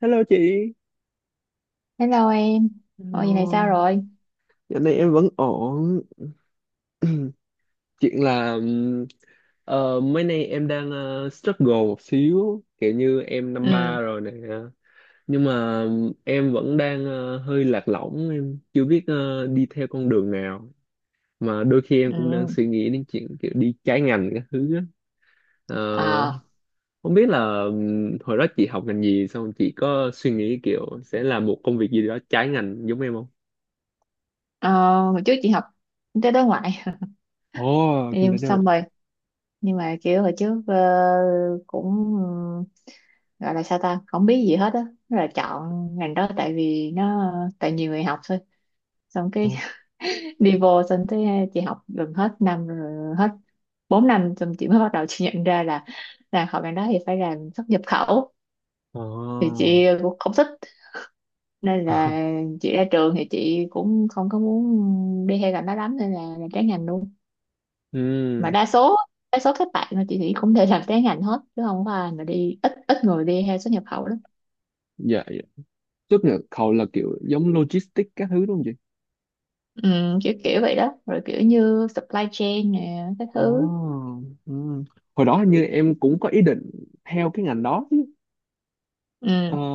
Hello chị. Hello em, mọi gì này sao Hello. rồi? Dạo này em vẫn ổn. Chuyện là mấy nay em đang struggle một xíu, kiểu như em năm Ừ. ba rồi nè. Nhưng mà em vẫn đang hơi lạc lõng, em chưa biết đi theo con đường nào. Mà đôi khi em cũng đang Ừ. suy nghĩ đến chuyện kiểu đi trái ngành các thứ á. Ờ, À. không biết là hồi đó chị học ngành gì xong chị có suy nghĩ kiểu sẽ làm một công việc gì đó trái ngành giống em không? ờ, Hồi trước chị học kinh tế đối ngoại, Ồ, kinh em tế xong rồi, nhưng mà kiểu hồi trước cũng, ừ, gọi là sao ta, không biết gì hết á, là chọn ngành đó tại vì nó tại nhiều người học thôi, xong cái đâu. đi vô xong tới chị học gần hết năm rồi, hết 4 năm xong chị mới bắt đầu chị nhận ra là học ngành đó thì phải làm xuất nhập khẩu, thì Ồ, chị cũng không thích nên là chị ra trường thì chị cũng không có muốn đi theo ngành đó lắm, nên là làm trái ngành luôn. ừ, Mà đa số các bạn mà chị nghĩ cũng đều làm trái ngành hết, chứ không có ai mà đi, ít ít người đi theo xuất nhập khẩu lắm. dạ, dạ. Tức là cậu là kiểu giống logistics các thứ đúng không chị? Ừ, kiểu kiểu vậy đó, rồi kiểu như supply chain nè cái Ồ, thứ. ừ. Hồi đó hình như em cũng có ý định theo cái ngành đó chứ. Ờ, Ừ,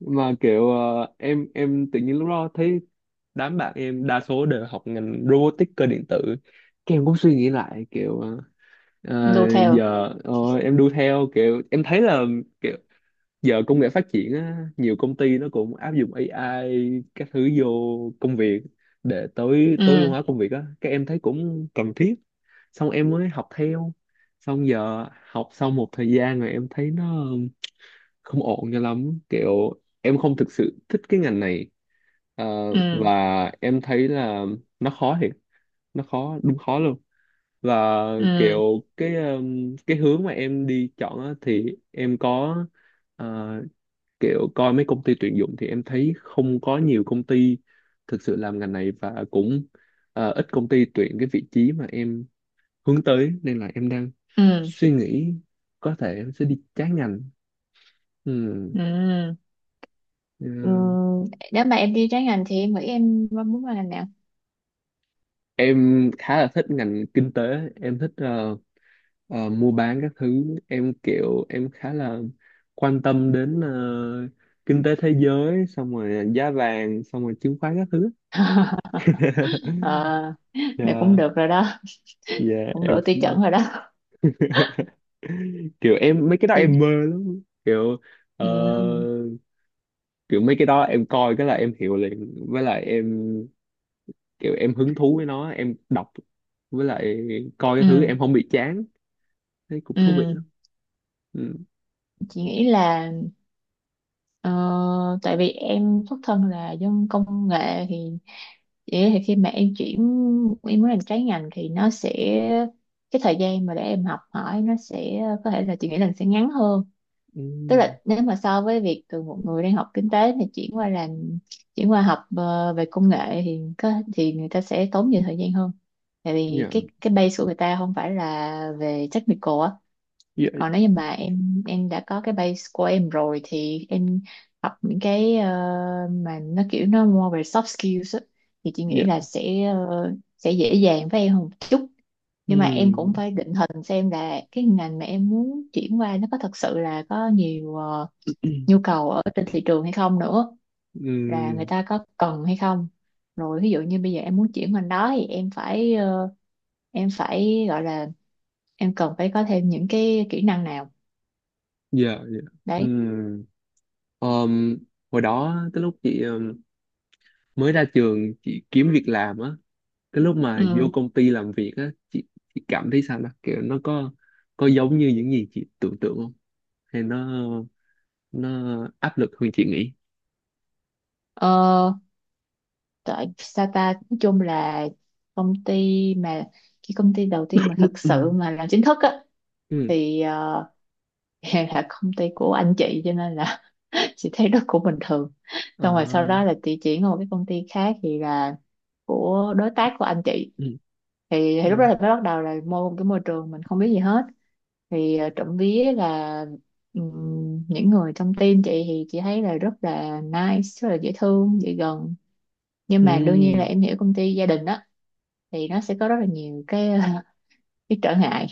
mà kiểu em tự nhiên lúc đó thấy đám bạn em đa số đều học ngành robotics cơ điện tử. Cái em cũng suy nghĩ lại kiểu ờ, đu theo. giờ ờ, em đu theo kiểu em thấy là kiểu giờ công nghệ phát triển á, nhiều công ty nó cũng áp dụng AI các thứ vô công việc để tối tối ưu Ừ. hóa công việc á các em thấy cũng cần thiết xong em mới học theo xong giờ học sau một thời gian rồi em thấy nó không ổn cho lắm kiểu em không thực sự thích cái ngành này. Ờ, Ừ. và em thấy là nó khó thiệt, nó khó đúng khó luôn, và Ừ. kiểu cái hướng mà em đi chọn á, thì em có ờ, kiểu coi mấy công ty tuyển dụng thì em thấy không có nhiều công ty thực sự làm ngành này và cũng ít công ty tuyển cái vị trí mà em hướng tới nên là em đang Ừ. suy nghĩ có thể em sẽ đi trái ngành. Ừ. Ừ. Ừ. Ừ, nếu mà em đi trái ngành thì em nghĩ em muốn qua ngành nào? Em khá là thích ngành kinh tế, em thích mua bán các thứ, em kiểu em khá là quan tâm đến kinh tế thế giới xong rồi giá vàng xong rồi chứng khoán các thứ. ờ Này cũng Yeah, được rồi đó, yeah, cũng đủ em tiêu chuẩn rồi đó kiểu em mấy cái đó thì. em mơ lắm, kiểu ờ, Ừ. kiểu mấy cái đó em coi cái là em hiểu liền, với lại em kiểu em hứng thú với nó em đọc, với lại coi cái thứ Ừ. em không bị chán, thấy cũng thú vị Ừ, lắm. Ừ. chị nghĩ là, ờ, tại vì em xuất thân là dân công nghệ thì chị nghĩ thì khi mà em chuyển, em muốn làm trái ngành thì nó sẽ, cái thời gian mà để em học hỏi nó sẽ có thể là, chị nghĩ là sẽ ngắn hơn. Tức Ừ. là nếu mà so với việc từ một người đang học kinh tế thì chuyển qua học về công nghệ thì có, thì người ta sẽ tốn nhiều thời gian hơn, tại vì Dạ cái base của người ta không phải là về technical á. dạ Còn nếu như mà em đã có cái base của em rồi thì em học những cái, mà nó kiểu nó more về soft skills á, thì chị nghĩ dạ. là sẽ, sẽ dễ dàng với em hơn một chút. Nhưng mà em cũng Ừ. phải định hình xem là cái ngành mà em muốn chuyển qua nó có thật sự là có nhiều, nhu cầu ở trên thị trường hay không nữa, là người Ừ. ta có cần hay không. Rồi ví dụ như bây giờ em muốn chuyển ngành đó thì em phải, em phải gọi là, em cần phải có thêm những cái kỹ năng nào Dạ dạ. Ừ. đấy. Ờm, hồi đó cái lúc chị mới ra trường chị kiếm việc làm á, cái lúc mà vô Ừ, công ty làm việc á chị cảm thấy sao đó kiểu nó có giống như những gì chị tưởng tượng không, hay nó áp lực hơn chị nghĩ? ờ, tại Sata nói chung là công ty mà, cái công ty đầu tiên mà thật sự Ừ. mà làm chính thức á, Ừ. thì là công ty của anh chị, cho nên là chị thấy nó cũng bình thường. Xong rồi sau À. đó là chị chuyển qua một cái công ty khác thì là của đối tác của anh chị, Ừ. Thì lúc Ừ. đó là mới bắt đầu là một cái môi trường mình không biết gì hết, thì trộm vía là, những người trong team chị thì chị thấy là rất là nice, rất là dễ thương, dễ gần. Nhưng Ừ. mà đương nhiên là em hiểu công ty gia đình đó, thì nó sẽ có rất là nhiều cái cái trở ngại.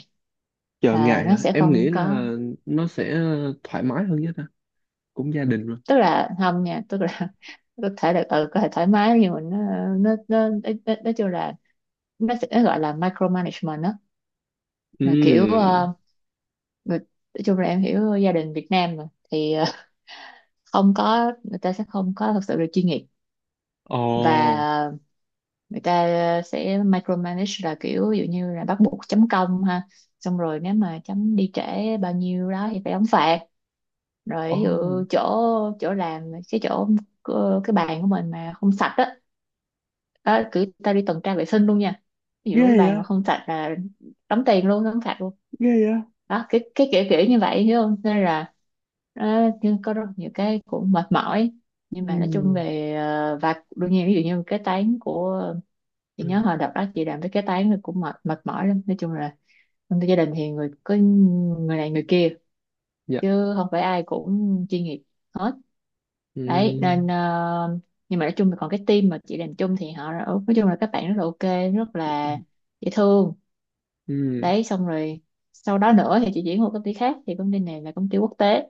Chờ À, ngại nó hả, sẽ em không nghĩ có, là nó sẽ thoải mái hơn nhất á, cũng gia đình rồi. tức là không nha, tức là có thể là, ừ, có thể thoải mái, nhưng mà nó nói chung là, nó sẽ nó gọi là micromanagement đó. Là kiểu, Ừ. Người, nói chung là em hiểu gia đình Việt Nam mà, thì không có, người ta sẽ không có thật sự là chuyên nghiệp. Và Ồ. người ta sẽ micromanage, là kiểu ví dụ như là bắt buộc chấm công ha, xong rồi nếu mà chấm đi trễ bao nhiêu đó thì phải đóng phạt. Rồi ví dụ Ồ, chỗ chỗ làm cái chỗ, cái bàn của mình mà không sạch á, đó, cứ ta đi tuần tra vệ sinh luôn nha. Ví ghê dụ cái bàn vậy. mà không sạch là đóng tiền luôn, đóng phạt luôn. Ghê vậy. Đó, cái kiểu kiểu như vậy, hiểu không. Thế nên là nó có rất nhiều cái cũng mệt mỏi. Nhưng Ừ. mà nói chung về, và đương nhiên ví dụ như cái tán của, chị Ừ. nhớ hồi đợt đó chị làm cái tán thì cũng mệt mệt mỏi lắm. Nói chung là trong gia đình thì người có người này người kia, Dạ. chứ không phải ai cũng chuyên nghiệp hết. Đấy Ừ. nên nhưng mà nói chung là còn cái team mà chị làm chung thì họ, nói chung là các bạn rất là ok, rất là dễ thương. Ừ. Đấy xong rồi sau đó nữa thì chị chuyển qua công ty khác, thì công ty này là công ty quốc tế,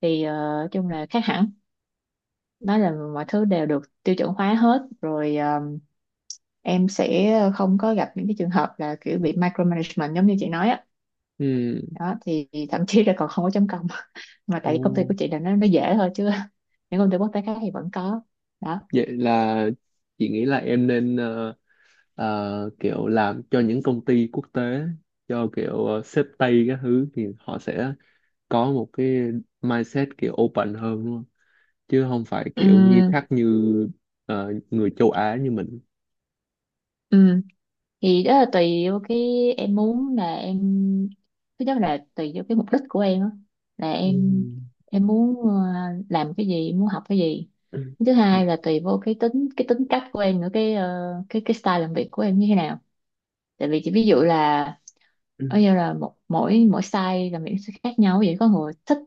thì nói chung là khác hẳn. Đó là mọi thứ đều được tiêu chuẩn hóa hết rồi, em sẽ không có gặp những cái trường hợp là kiểu bị micromanagement giống như chị nói á. Ừ. Đó thì thậm chí là còn không có chấm công, mà tại vì công ty Ồ. của chị là nó dễ thôi, chứ những công ty quốc tế khác thì vẫn có. Đó. Vậy là chị nghĩ là em nên kiểu làm cho những công ty quốc tế, cho kiểu sếp Tây các thứ thì họ sẽ có một cái mindset kiểu open hơn đúng không? Chứ không phải Ừ kiểu nghiêm khắc như người châu Á như mình. thì đó là tùy vô cái em muốn, là em, thứ nhất là tùy vô cái mục đích của em á, là em Ừm. em muốn làm cái gì, muốn học cái gì. Ừm. Thứ hai là tùy vô cái tính, cái tính cách của em nữa, cái cái style làm việc của em như thế nào. Tại vì chỉ ví dụ là, ở Ừm. như là một mỗi mỗi style làm việc sẽ khác nhau vậy, có người thích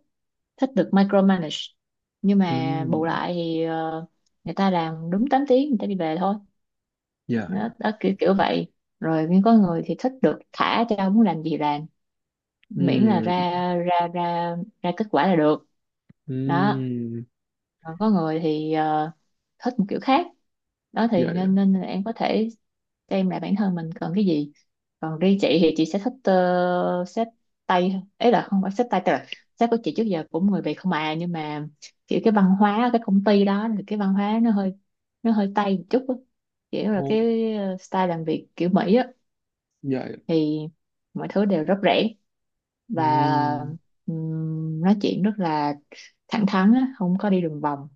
thích được micromanage, nhưng mà Ừm. bù lại thì, người ta làm đúng 8 tiếng người ta đi về thôi. Dạ, Đó, dạ. đó kiểu kiểu vậy. Rồi nhưng có người thì thích được thả cho muốn làm gì làm, miễn là Ừm. ra ra ra ra kết quả là được. Đó. Ừm. Còn có người thì thích một kiểu khác. Đó thì Dạ. nên nên là em có thể xem lại bản thân mình cần cái gì. Còn riêng chị thì chị sẽ thích, xếp tay hơn. Ấy là không phải xếp tay, tức là sếp của chị trước giờ cũng người Việt không à, nhưng mà kiểu cái văn hóa ở cái công ty đó thì cái văn hóa nó hơi, nó hơi tây một chút á. Kiểu là Ồ. cái, style làm việc kiểu Mỹ á, Dạ, dạ. thì mọi thứ đều rất rẻ, và Ừm. Nói chuyện rất là thẳng thắn á, không có đi đường vòng,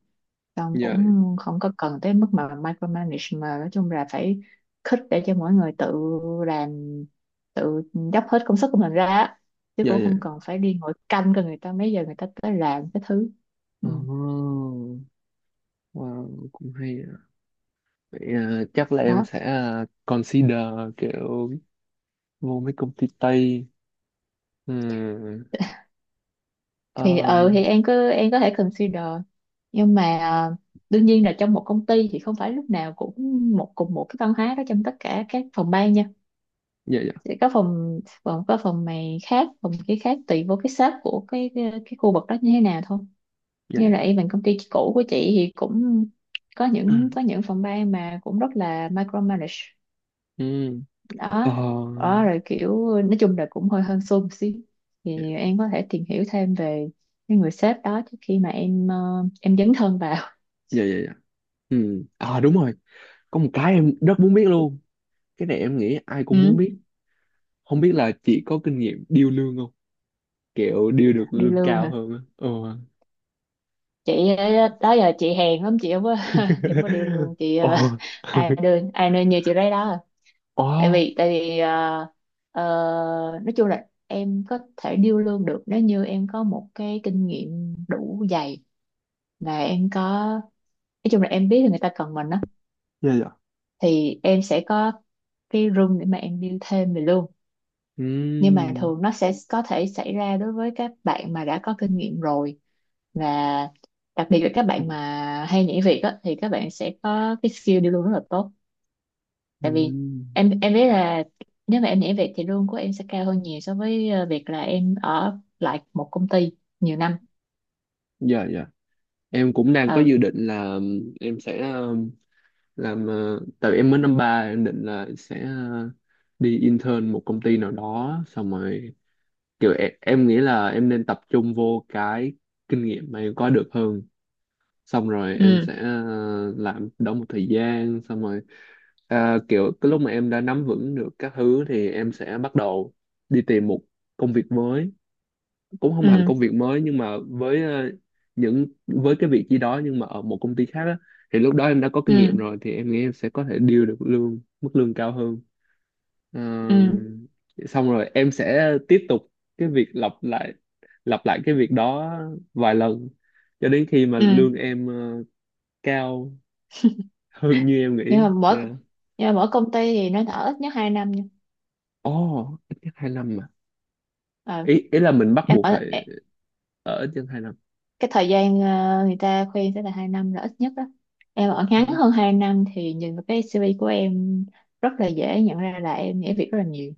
xong Dạ. cũng không có cần tới mức mà micromanage, mà nói chung là phải khích để cho mỗi người tự làm, tự dốc hết công sức của mình ra á. Chứ Dạ. cũng Dạ, không dạ. cần phải đi ngồi canh cho người ta mấy giờ người ta tới làm cái thứ. Ừ. Ồ. Wow, cũng hay. Vậy, chắc là em Đó sẽ consider kiểu vô mấy công ty Tây. Ừ. thì, ừ um, thì em cứ, em có thể consider, nhưng mà đương nhiên là trong một công ty thì không phải lúc nào cũng cùng một cái văn hóa đó trong tất cả các phòng ban nha. dạ dạ Sẽ có phòng phòng, có phòng này khác, phòng kia khác, tùy vô cái sếp của cái khu vực đó như thế nào thôi. dạ Như dạ. là even công ty cũ của chị thì cũng có những, phòng ban mà cũng rất là micromanage. Ừ. ờ, Đó. Đó rồi kiểu nói chung là cũng hơi hơn xô một xíu. dạ Thì em có thể tìm hiểu thêm về cái người sếp đó trước khi mà em, em dấn thân vào. dạ dạ dạ. Ừ. À đúng rồi, có một cái em rất muốn biết luôn, cái này em nghĩ ai cũng muốn Ừ. biết, không biết là chị có kinh nghiệm điêu lương không, kiểu điêu được Đi lương lương cao hả? hơn á. Ừ. Chị đó giờ chị hèn lắm, chị không có chị không có điều lương, chị Ồ. ai đưa ai nên như chị đấy đó à. Ồ. Tại vì ờ, nói chung là em có thể điêu lương được nếu như em có một cái kinh nghiệm đủ dày, và em có, nói chung là em biết là người ta cần mình đó, Dạ dạ. thì em sẽ có cái room để mà em build thêm về luôn. Ừ. Nhưng mà thường nó sẽ có thể xảy ra đối với các bạn mà đã có kinh nghiệm rồi, và đặc biệt là các Ừ. bạn mà hay nhảy việc á thì các bạn sẽ có cái skill đi luôn rất là tốt, Ừ. tại vì em biết là, nếu mà em nhảy việc thì lương của em sẽ cao hơn nhiều so với việc là em ở lại một công ty nhiều năm. Dạ dạ. Em cũng đang có Ừ. dự định là em sẽ làm tại vì em mới năm ba em định là sẽ uh, đi intern một công ty nào đó xong rồi kiểu em nghĩ là em nên tập trung vô cái kinh nghiệm mà em có được hơn, xong rồi em Ừ. sẽ làm đó một thời gian xong rồi à, kiểu cái lúc mà em đã nắm vững được các thứ thì em sẽ bắt đầu đi tìm một công việc mới, cũng không hẳn Ừ. công việc mới nhưng mà với những với cái vị trí đó nhưng mà ở một công ty khác á, thì lúc đó em đã có kinh nghiệm Ừ. rồi thì em nghĩ em sẽ có thể deal được lương mức lương cao hơn. Ờ, Ừ. xong rồi em sẽ tiếp tục cái việc lặp lại, lặp lại cái việc đó vài lần cho đến khi mà Ừ. lương em cao hơn như em nhưng nghĩ. mà mỗi Yeah. nhưng mà mỗi công ty thì nó ở ít nhất 2 năm. Ồ, ít nhất hai năm mà Ờ, ý ý là mình bắt em buộc ở phải e- ở trên hai năm. cái thời gian, người ta khuyên sẽ là 2 năm là ít nhất đó. Em ở ngắn hơn 2 năm thì nhìn vào cái CV của em rất là dễ nhận ra là em nhảy việc rất là nhiều,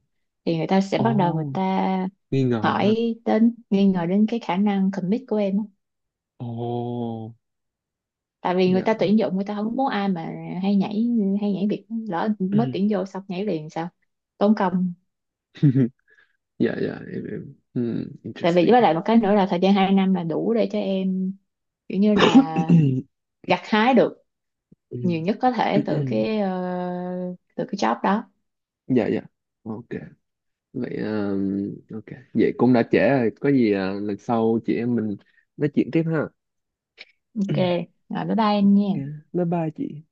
thì người ta sẽ Ồ, bắt đầu người ta nghi ngờ ha. hỏi đến, nghi ngờ đến cái khả năng commit của em á. Ồ. Tại vì người Dạ. ta tuyển dụng người ta không muốn ai mà hay nhảy hay nhảy việc, lỡ mới tuyển vô xong nhảy liền sao, tốn công. Dạ dạ, em hmm, Tại vì interesting. với lại một cái nữa là thời gian 2 năm là đủ để cho em kiểu như là gặt hái được nhiều nhất có thể từ cái, từ cái job đó. Dạ dạ. Ok. Vậy ok. Vậy cũng đã trễ rồi, có gì à, lần sau chị em mình nói chuyện tiếp ha. Ok, rồi bye bye anh Ok. nha. Bye bye chị.